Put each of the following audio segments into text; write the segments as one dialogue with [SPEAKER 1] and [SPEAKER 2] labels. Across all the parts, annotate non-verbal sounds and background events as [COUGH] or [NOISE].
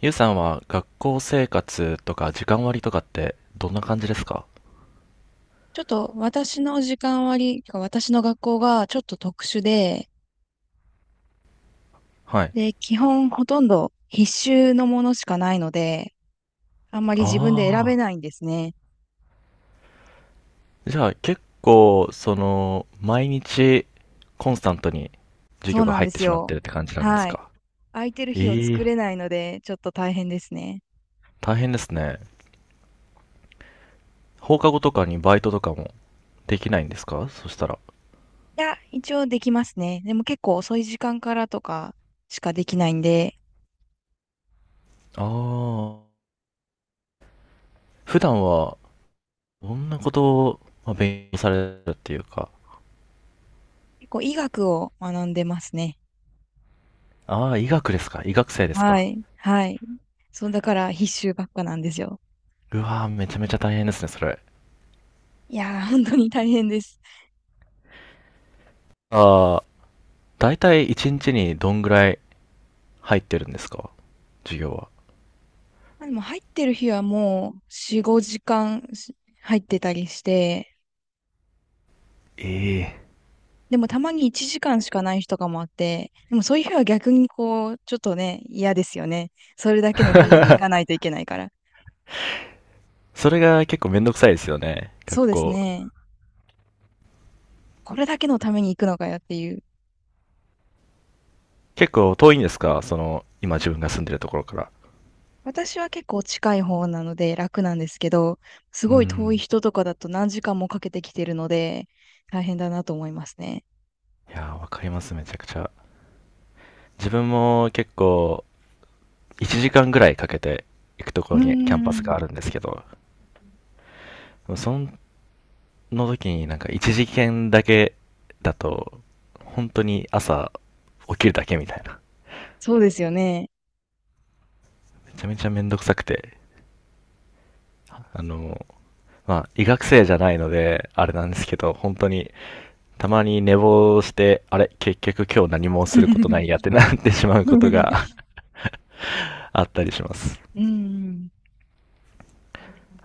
[SPEAKER 1] ゆうさんは学校生活とか時間割とかってどんな感じですか？
[SPEAKER 2] ちょっと私の時間割り、私の学校がちょっと特殊で、
[SPEAKER 1] はい。
[SPEAKER 2] で、基本ほとんど必修のものしかないので、あんまり自分で選べ
[SPEAKER 1] ああ。
[SPEAKER 2] ないんですね。
[SPEAKER 1] じゃあ結構、毎日コンスタントに授
[SPEAKER 2] そ
[SPEAKER 1] 業
[SPEAKER 2] う
[SPEAKER 1] が
[SPEAKER 2] なん
[SPEAKER 1] 入
[SPEAKER 2] で
[SPEAKER 1] って
[SPEAKER 2] す
[SPEAKER 1] しまっ
[SPEAKER 2] よ。
[SPEAKER 1] てるって感じなんです
[SPEAKER 2] はい。
[SPEAKER 1] か？
[SPEAKER 2] 空いてる日を
[SPEAKER 1] え
[SPEAKER 2] 作
[SPEAKER 1] え、
[SPEAKER 2] れないので、ちょっと大変ですね。
[SPEAKER 1] 大変ですね。放課後とかにバイトとかもできないんですか、そしたら？
[SPEAKER 2] いや、一応できますね。でも結構遅い時間からとかしかできないんで、
[SPEAKER 1] ああ。普段は、どんなことを、まあ、勉強されるっていうか。
[SPEAKER 2] 結構医学を学んでますね。
[SPEAKER 1] ああ、医学ですか？医学生です
[SPEAKER 2] は
[SPEAKER 1] か？
[SPEAKER 2] い。はい。そう、だから必修ばっかなんですよ。
[SPEAKER 1] うわー、めちゃめちゃ大変ですね、それ。
[SPEAKER 2] いやー、本当に大変です。
[SPEAKER 1] あ、大体1日にちにどんぐらい入ってるんですか、授業は？
[SPEAKER 2] でも入ってる日はもう4、5時間し入ってたりして、
[SPEAKER 1] ええ。
[SPEAKER 2] でもたまに1時間しかない日とかもあって、でもそういう日は逆にこう、ちょっとね、嫌ですよね。それだけのために行かないといけないから。
[SPEAKER 1] それが結構めんどくさいですよね。学
[SPEAKER 2] そうです
[SPEAKER 1] 校。
[SPEAKER 2] ね。これだけのために行くのかよっていう。
[SPEAKER 1] 結構遠いんですか？今自分が住んでるところから。
[SPEAKER 2] 私は結構近い方なので楽なんですけど、す
[SPEAKER 1] う
[SPEAKER 2] ごい遠い
[SPEAKER 1] ん。
[SPEAKER 2] 人とかだと何時間もかけてきてるので、大変だなと思いますね。
[SPEAKER 1] いやー、わかります、めちゃくちゃ。自分も結構、1時間ぐらいかけて行くとこ
[SPEAKER 2] うー
[SPEAKER 1] ろにキャンパス
[SPEAKER 2] ん、
[SPEAKER 1] があるんですけど、その時になんか1時間だけだと、本当に朝起きるだけみたいな。
[SPEAKER 2] そうですよね。
[SPEAKER 1] めちゃめちゃめんどくさくて、あの、まあ、医学生じゃないので、あれなんですけど、本当に、たまに寝坊して、あれ、結局今日何もすることないやっ
[SPEAKER 2] [LAUGHS]
[SPEAKER 1] てなってしまうことが [LAUGHS] あったりします。
[SPEAKER 2] うん。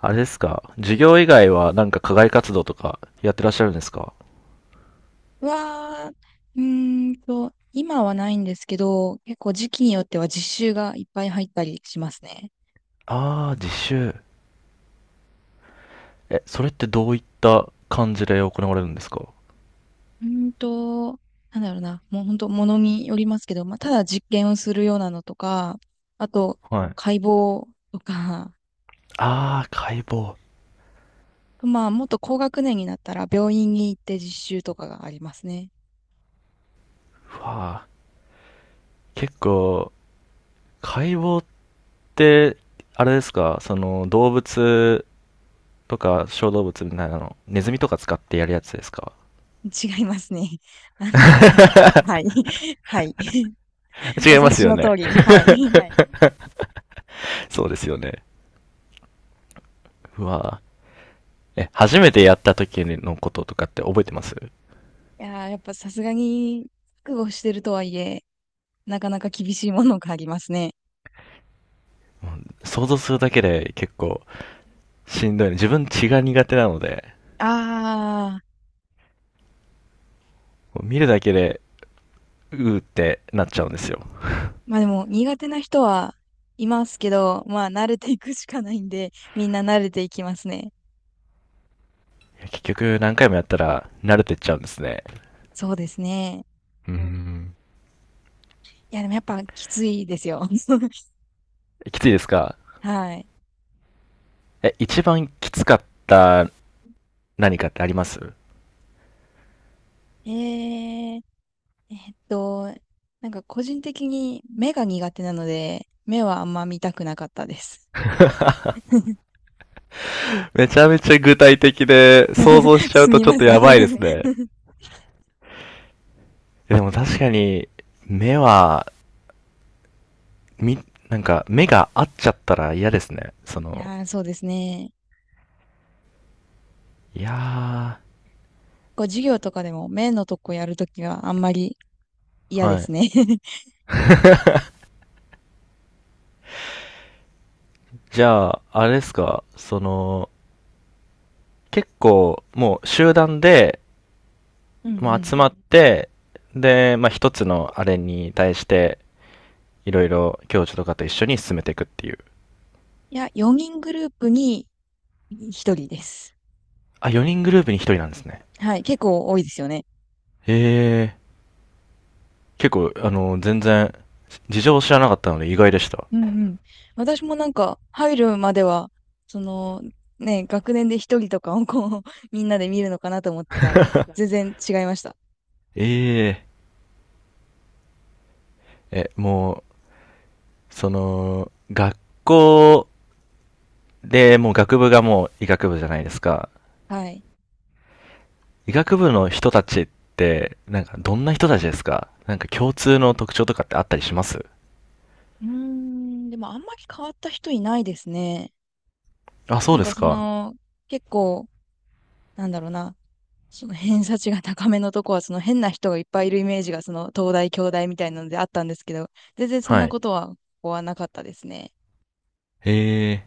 [SPEAKER 1] あれですか、授業以外はなんか課外活動とかやってらっしゃるんですか？
[SPEAKER 2] は、うーんと、今はないんですけど、結構時期によっては実習がいっぱい入ったりしますね。
[SPEAKER 1] あー、実習。え、それってどういった感じで行われるんですか？
[SPEAKER 2] うーんと、なんだろうな、もう本当、ものによりますけど、まあ、ただ実験をするようなのとか、あと、
[SPEAKER 1] はい。
[SPEAKER 2] 解剖とか、
[SPEAKER 1] あー、解剖。
[SPEAKER 2] [LAUGHS] まあ、もっと高学年になったら病院に行って実習とかがありますね。
[SPEAKER 1] うわあ、結構、解剖って、あれですか、その動物とか小動物みたいなの、ネズミとか使ってやるやつですか？
[SPEAKER 2] 違いますね。[LAUGHS] あの、[LAUGHS] はい。[LAUGHS] はい。
[SPEAKER 1] [LAUGHS]
[SPEAKER 2] [LAUGHS] お
[SPEAKER 1] 違いま
[SPEAKER 2] 察し
[SPEAKER 1] すよ
[SPEAKER 2] の通
[SPEAKER 1] ね。
[SPEAKER 2] り。はい。[LAUGHS]
[SPEAKER 1] はい。[LAUGHS] そうですよね。うわぁ、え、初めてやった時のこととかって覚えてます？
[SPEAKER 2] いやー、やっぱさすがに、覚悟してるとはいえ、なかなか厳しいものがありますね。
[SPEAKER 1] 想像するだけで結構しんどいね、自分血が苦手なので、
[SPEAKER 2] ああ、
[SPEAKER 1] 見るだけで、うーってなっちゃうんですよ。
[SPEAKER 2] まあでも苦手な人はいますけど、まあ慣れていくしかないんで、みんな慣れていきますね。
[SPEAKER 1] いや結局何回もやったら慣れてっちゃうんですね。
[SPEAKER 2] そうですね。
[SPEAKER 1] うーん。
[SPEAKER 2] いやでもやっぱきついですよ。[LAUGHS]
[SPEAKER 1] きついですか？
[SPEAKER 2] はい。
[SPEAKER 1] え、一番きつかった何かってあります？
[SPEAKER 2] えー、えっと、なんか個人的に目が苦手なので、目はあんま見たくなかったです。[LAUGHS]
[SPEAKER 1] めちゃめちゃ具体的で、想像しちゃう
[SPEAKER 2] す
[SPEAKER 1] と
[SPEAKER 2] み
[SPEAKER 1] ちょっ
[SPEAKER 2] ま
[SPEAKER 1] と
[SPEAKER 2] せん [LAUGHS] い
[SPEAKER 1] やばいですね。でも確かに、目は、み、なんか、目が合っちゃったら嫌ですね。
[SPEAKER 2] やー、そうですね。
[SPEAKER 1] いや
[SPEAKER 2] こう授業とかでも目のとこやるときはあんまり
[SPEAKER 1] ー、
[SPEAKER 2] 嫌で
[SPEAKER 1] は
[SPEAKER 2] す
[SPEAKER 1] い。
[SPEAKER 2] ね [LAUGHS]
[SPEAKER 1] [LAUGHS] じゃあ、あれですか、結構、もう集団で、
[SPEAKER 2] うん
[SPEAKER 1] ま
[SPEAKER 2] う
[SPEAKER 1] あ集
[SPEAKER 2] ん。
[SPEAKER 1] まって、で、まあ一つのあれに対して、いろいろ教授とかと一緒に進めていくっていう。
[SPEAKER 2] いや、4人グループに1人です。
[SPEAKER 1] あ、4人グループに1人なんですね。
[SPEAKER 2] はい、結構多いですよね。
[SPEAKER 1] へえー、結構、全然、事情を知らなかったので意外でした。
[SPEAKER 2] うんうん。私もなんか入るまでは、そのね、学年で1人とかをこう、[LAUGHS] みんなで見るのかなと思ってたら、全然違いました。
[SPEAKER 1] ええ、え、もう、学校でもう学部がもう医学部じゃないですか。
[SPEAKER 2] はい。
[SPEAKER 1] 医学部の人たちって、なんかどんな人たちですか？なんか共通の特徴とかってあったりします？
[SPEAKER 2] うーん、でもあんまり変わった人いないですね。
[SPEAKER 1] あ、そ
[SPEAKER 2] な
[SPEAKER 1] う
[SPEAKER 2] ん
[SPEAKER 1] で
[SPEAKER 2] か
[SPEAKER 1] す
[SPEAKER 2] そ
[SPEAKER 1] か。
[SPEAKER 2] の、結構、なんだろうな、その偏差値が高めのとこは、その変な人がいっぱいいるイメージが、その東大、京大みたいなのであったんですけど、全然そん
[SPEAKER 1] は
[SPEAKER 2] な
[SPEAKER 1] い。
[SPEAKER 2] ことは、ここはなかったですね。
[SPEAKER 1] へえ。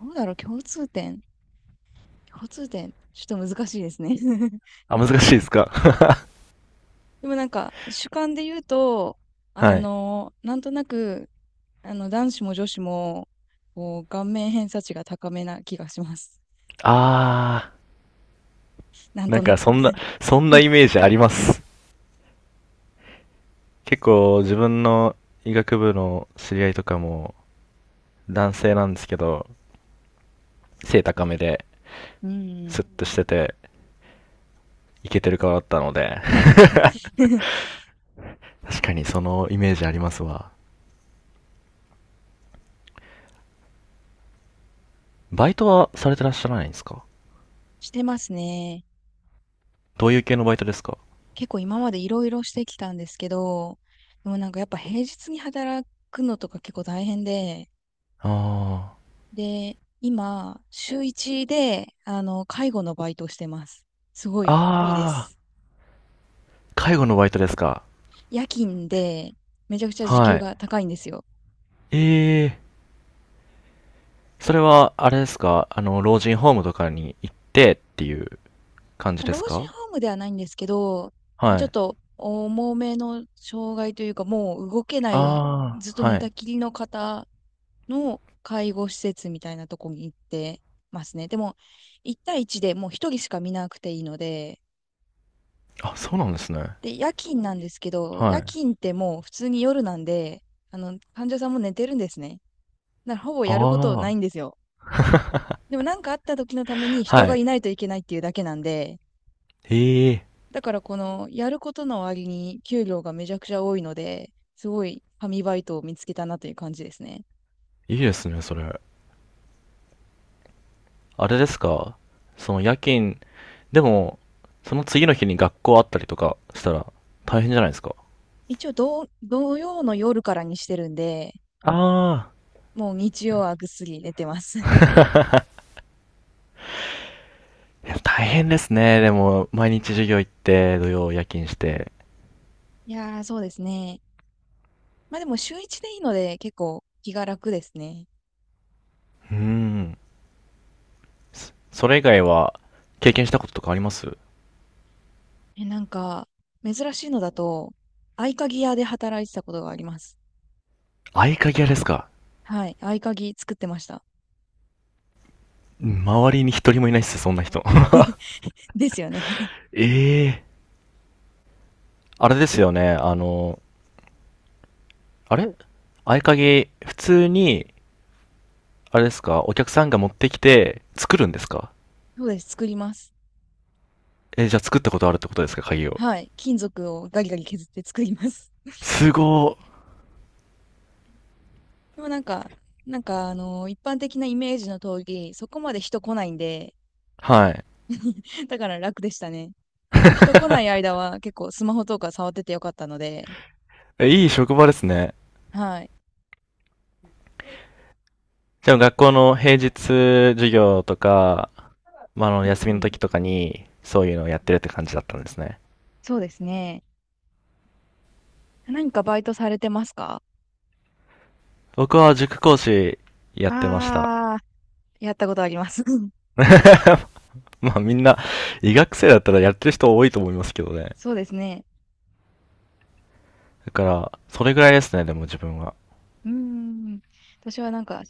[SPEAKER 2] どうだろう、共通点。共通点、ちょっと難しいですね。[LAUGHS]
[SPEAKER 1] あ、難しいですか？
[SPEAKER 2] でもなんか、主観で言うと、
[SPEAKER 1] [LAUGHS]
[SPEAKER 2] あ
[SPEAKER 1] はい。
[SPEAKER 2] の、なんとなく、あの、男子も女子も、こう、顔面偏差値が高めな気がします。
[SPEAKER 1] あ
[SPEAKER 2] な
[SPEAKER 1] ー、
[SPEAKER 2] ん
[SPEAKER 1] な
[SPEAKER 2] と
[SPEAKER 1] ん
[SPEAKER 2] な
[SPEAKER 1] か
[SPEAKER 2] く。
[SPEAKER 1] そんなイメージあります。結構自分の医学部の知り合いとかも男性なんですけど、背高めで、
[SPEAKER 2] う
[SPEAKER 1] ス
[SPEAKER 2] ん。
[SPEAKER 1] ッとしてて、イケてる顔だったので、
[SPEAKER 2] [LAUGHS]
[SPEAKER 1] 確かにそのイメージありますわ。バイトはされてらっしゃらないんですか？
[SPEAKER 2] してますね。
[SPEAKER 1] どういう系のバイトですか？
[SPEAKER 2] 結構今までいろいろしてきたんですけど、でもなんかやっぱ平日に働くのとか結構大変で、
[SPEAKER 1] あ
[SPEAKER 2] で、今、週1で、あの、介護のバイトをしてます。すご
[SPEAKER 1] あ。あ
[SPEAKER 2] いいいで
[SPEAKER 1] あ、
[SPEAKER 2] す。
[SPEAKER 1] 介護のバイトですか。
[SPEAKER 2] 夜勤で、めちゃくちゃ時給
[SPEAKER 1] はい。
[SPEAKER 2] が高いんですよ。
[SPEAKER 1] ええ、それは、あれですか、老人ホームとかに行ってっていう感じ
[SPEAKER 2] まあ
[SPEAKER 1] です
[SPEAKER 2] 老人
[SPEAKER 1] か？
[SPEAKER 2] ホームではないんですけど、まあ、
[SPEAKER 1] は
[SPEAKER 2] ちょっ
[SPEAKER 1] い。
[SPEAKER 2] と重めの障害というか、もう動けない、
[SPEAKER 1] あ
[SPEAKER 2] ずっと
[SPEAKER 1] あ、は
[SPEAKER 2] 寝た
[SPEAKER 1] い。
[SPEAKER 2] きりの方の介護施設みたいなとこに行ってますね。でも、1対1でもう1人しか見なくていいので、
[SPEAKER 1] あ、そうなんですね。
[SPEAKER 2] で、夜勤なんですけど、
[SPEAKER 1] は
[SPEAKER 2] 夜
[SPEAKER 1] い。
[SPEAKER 2] 勤ってもう普通に夜なんで、あの、患者さんも寝てるんですね。だからほぼやることな
[SPEAKER 1] ああ。
[SPEAKER 2] いんですよ。
[SPEAKER 1] [LAUGHS]
[SPEAKER 2] でもなんかあった時のために人
[SPEAKER 1] は
[SPEAKER 2] が
[SPEAKER 1] い。
[SPEAKER 2] いないといけないっていうだけなんで、
[SPEAKER 1] ええ、
[SPEAKER 2] だからこのやることの割に給料がめちゃくちゃ多いので、すごい神バイトを見つけたなという感じですね。
[SPEAKER 1] いいですね、それ。あれですか、その夜勤でも、その次の日に学校あったりとかしたら大変じゃないですか。
[SPEAKER 2] 一応土曜の夜からにしてるんで、
[SPEAKER 1] ああ。
[SPEAKER 2] もう日曜はぐっすり寝てます。[LAUGHS]
[SPEAKER 1] [LAUGHS] いや大変ですね。でも、毎日授業行って、土曜夜勤して。
[SPEAKER 2] いやー、そうですね。まあでも週一でいいので結構気が楽ですね。
[SPEAKER 1] うーん。それ以外は、経験したこととかあります？
[SPEAKER 2] え、なんか、珍しいのだと、合鍵屋で働いてたことがあります。
[SPEAKER 1] 合鍵屋ですか？
[SPEAKER 2] はい。合鍵作ってました。
[SPEAKER 1] 周りに一人もいないっす、そんな人。
[SPEAKER 2] [LAUGHS] ですよね。[LAUGHS]
[SPEAKER 1] [LAUGHS] ええ、あれですよね、あの、あれ合鍵、普通に、あれですか、お客さんが持ってきて、作るんですか？
[SPEAKER 2] そうです。作ります。
[SPEAKER 1] え、じゃあ作ったことあるってことですか、鍵を。
[SPEAKER 2] はい。金属をガリガリ削って作ります。
[SPEAKER 1] すご
[SPEAKER 2] でもなんか、あの一般的なイメージの通り、そこまで人来ないんで、
[SPEAKER 1] はい。
[SPEAKER 2] [LAUGHS] だから楽でしたね。あの、人来ない間は結構スマホとか触っててよかったので、
[SPEAKER 1] え、いい職場ですね。
[SPEAKER 2] はい。
[SPEAKER 1] じゃあ学校の平日授業とか、まあ、
[SPEAKER 2] うん
[SPEAKER 1] 休みの
[SPEAKER 2] うん。
[SPEAKER 1] 時とかに、そういうのをやってるって感じだったんですね。
[SPEAKER 2] そうですね。何かバイトされてますか？
[SPEAKER 1] 僕は塾講師やってました。
[SPEAKER 2] ああー、やったことあります。[LAUGHS]
[SPEAKER 1] まあみんな、医学生だったらやってる人多いと思いますけどね。
[SPEAKER 2] そうですね。
[SPEAKER 1] だから、それぐらいですね、でも自分は。
[SPEAKER 2] うーん。私はなんか、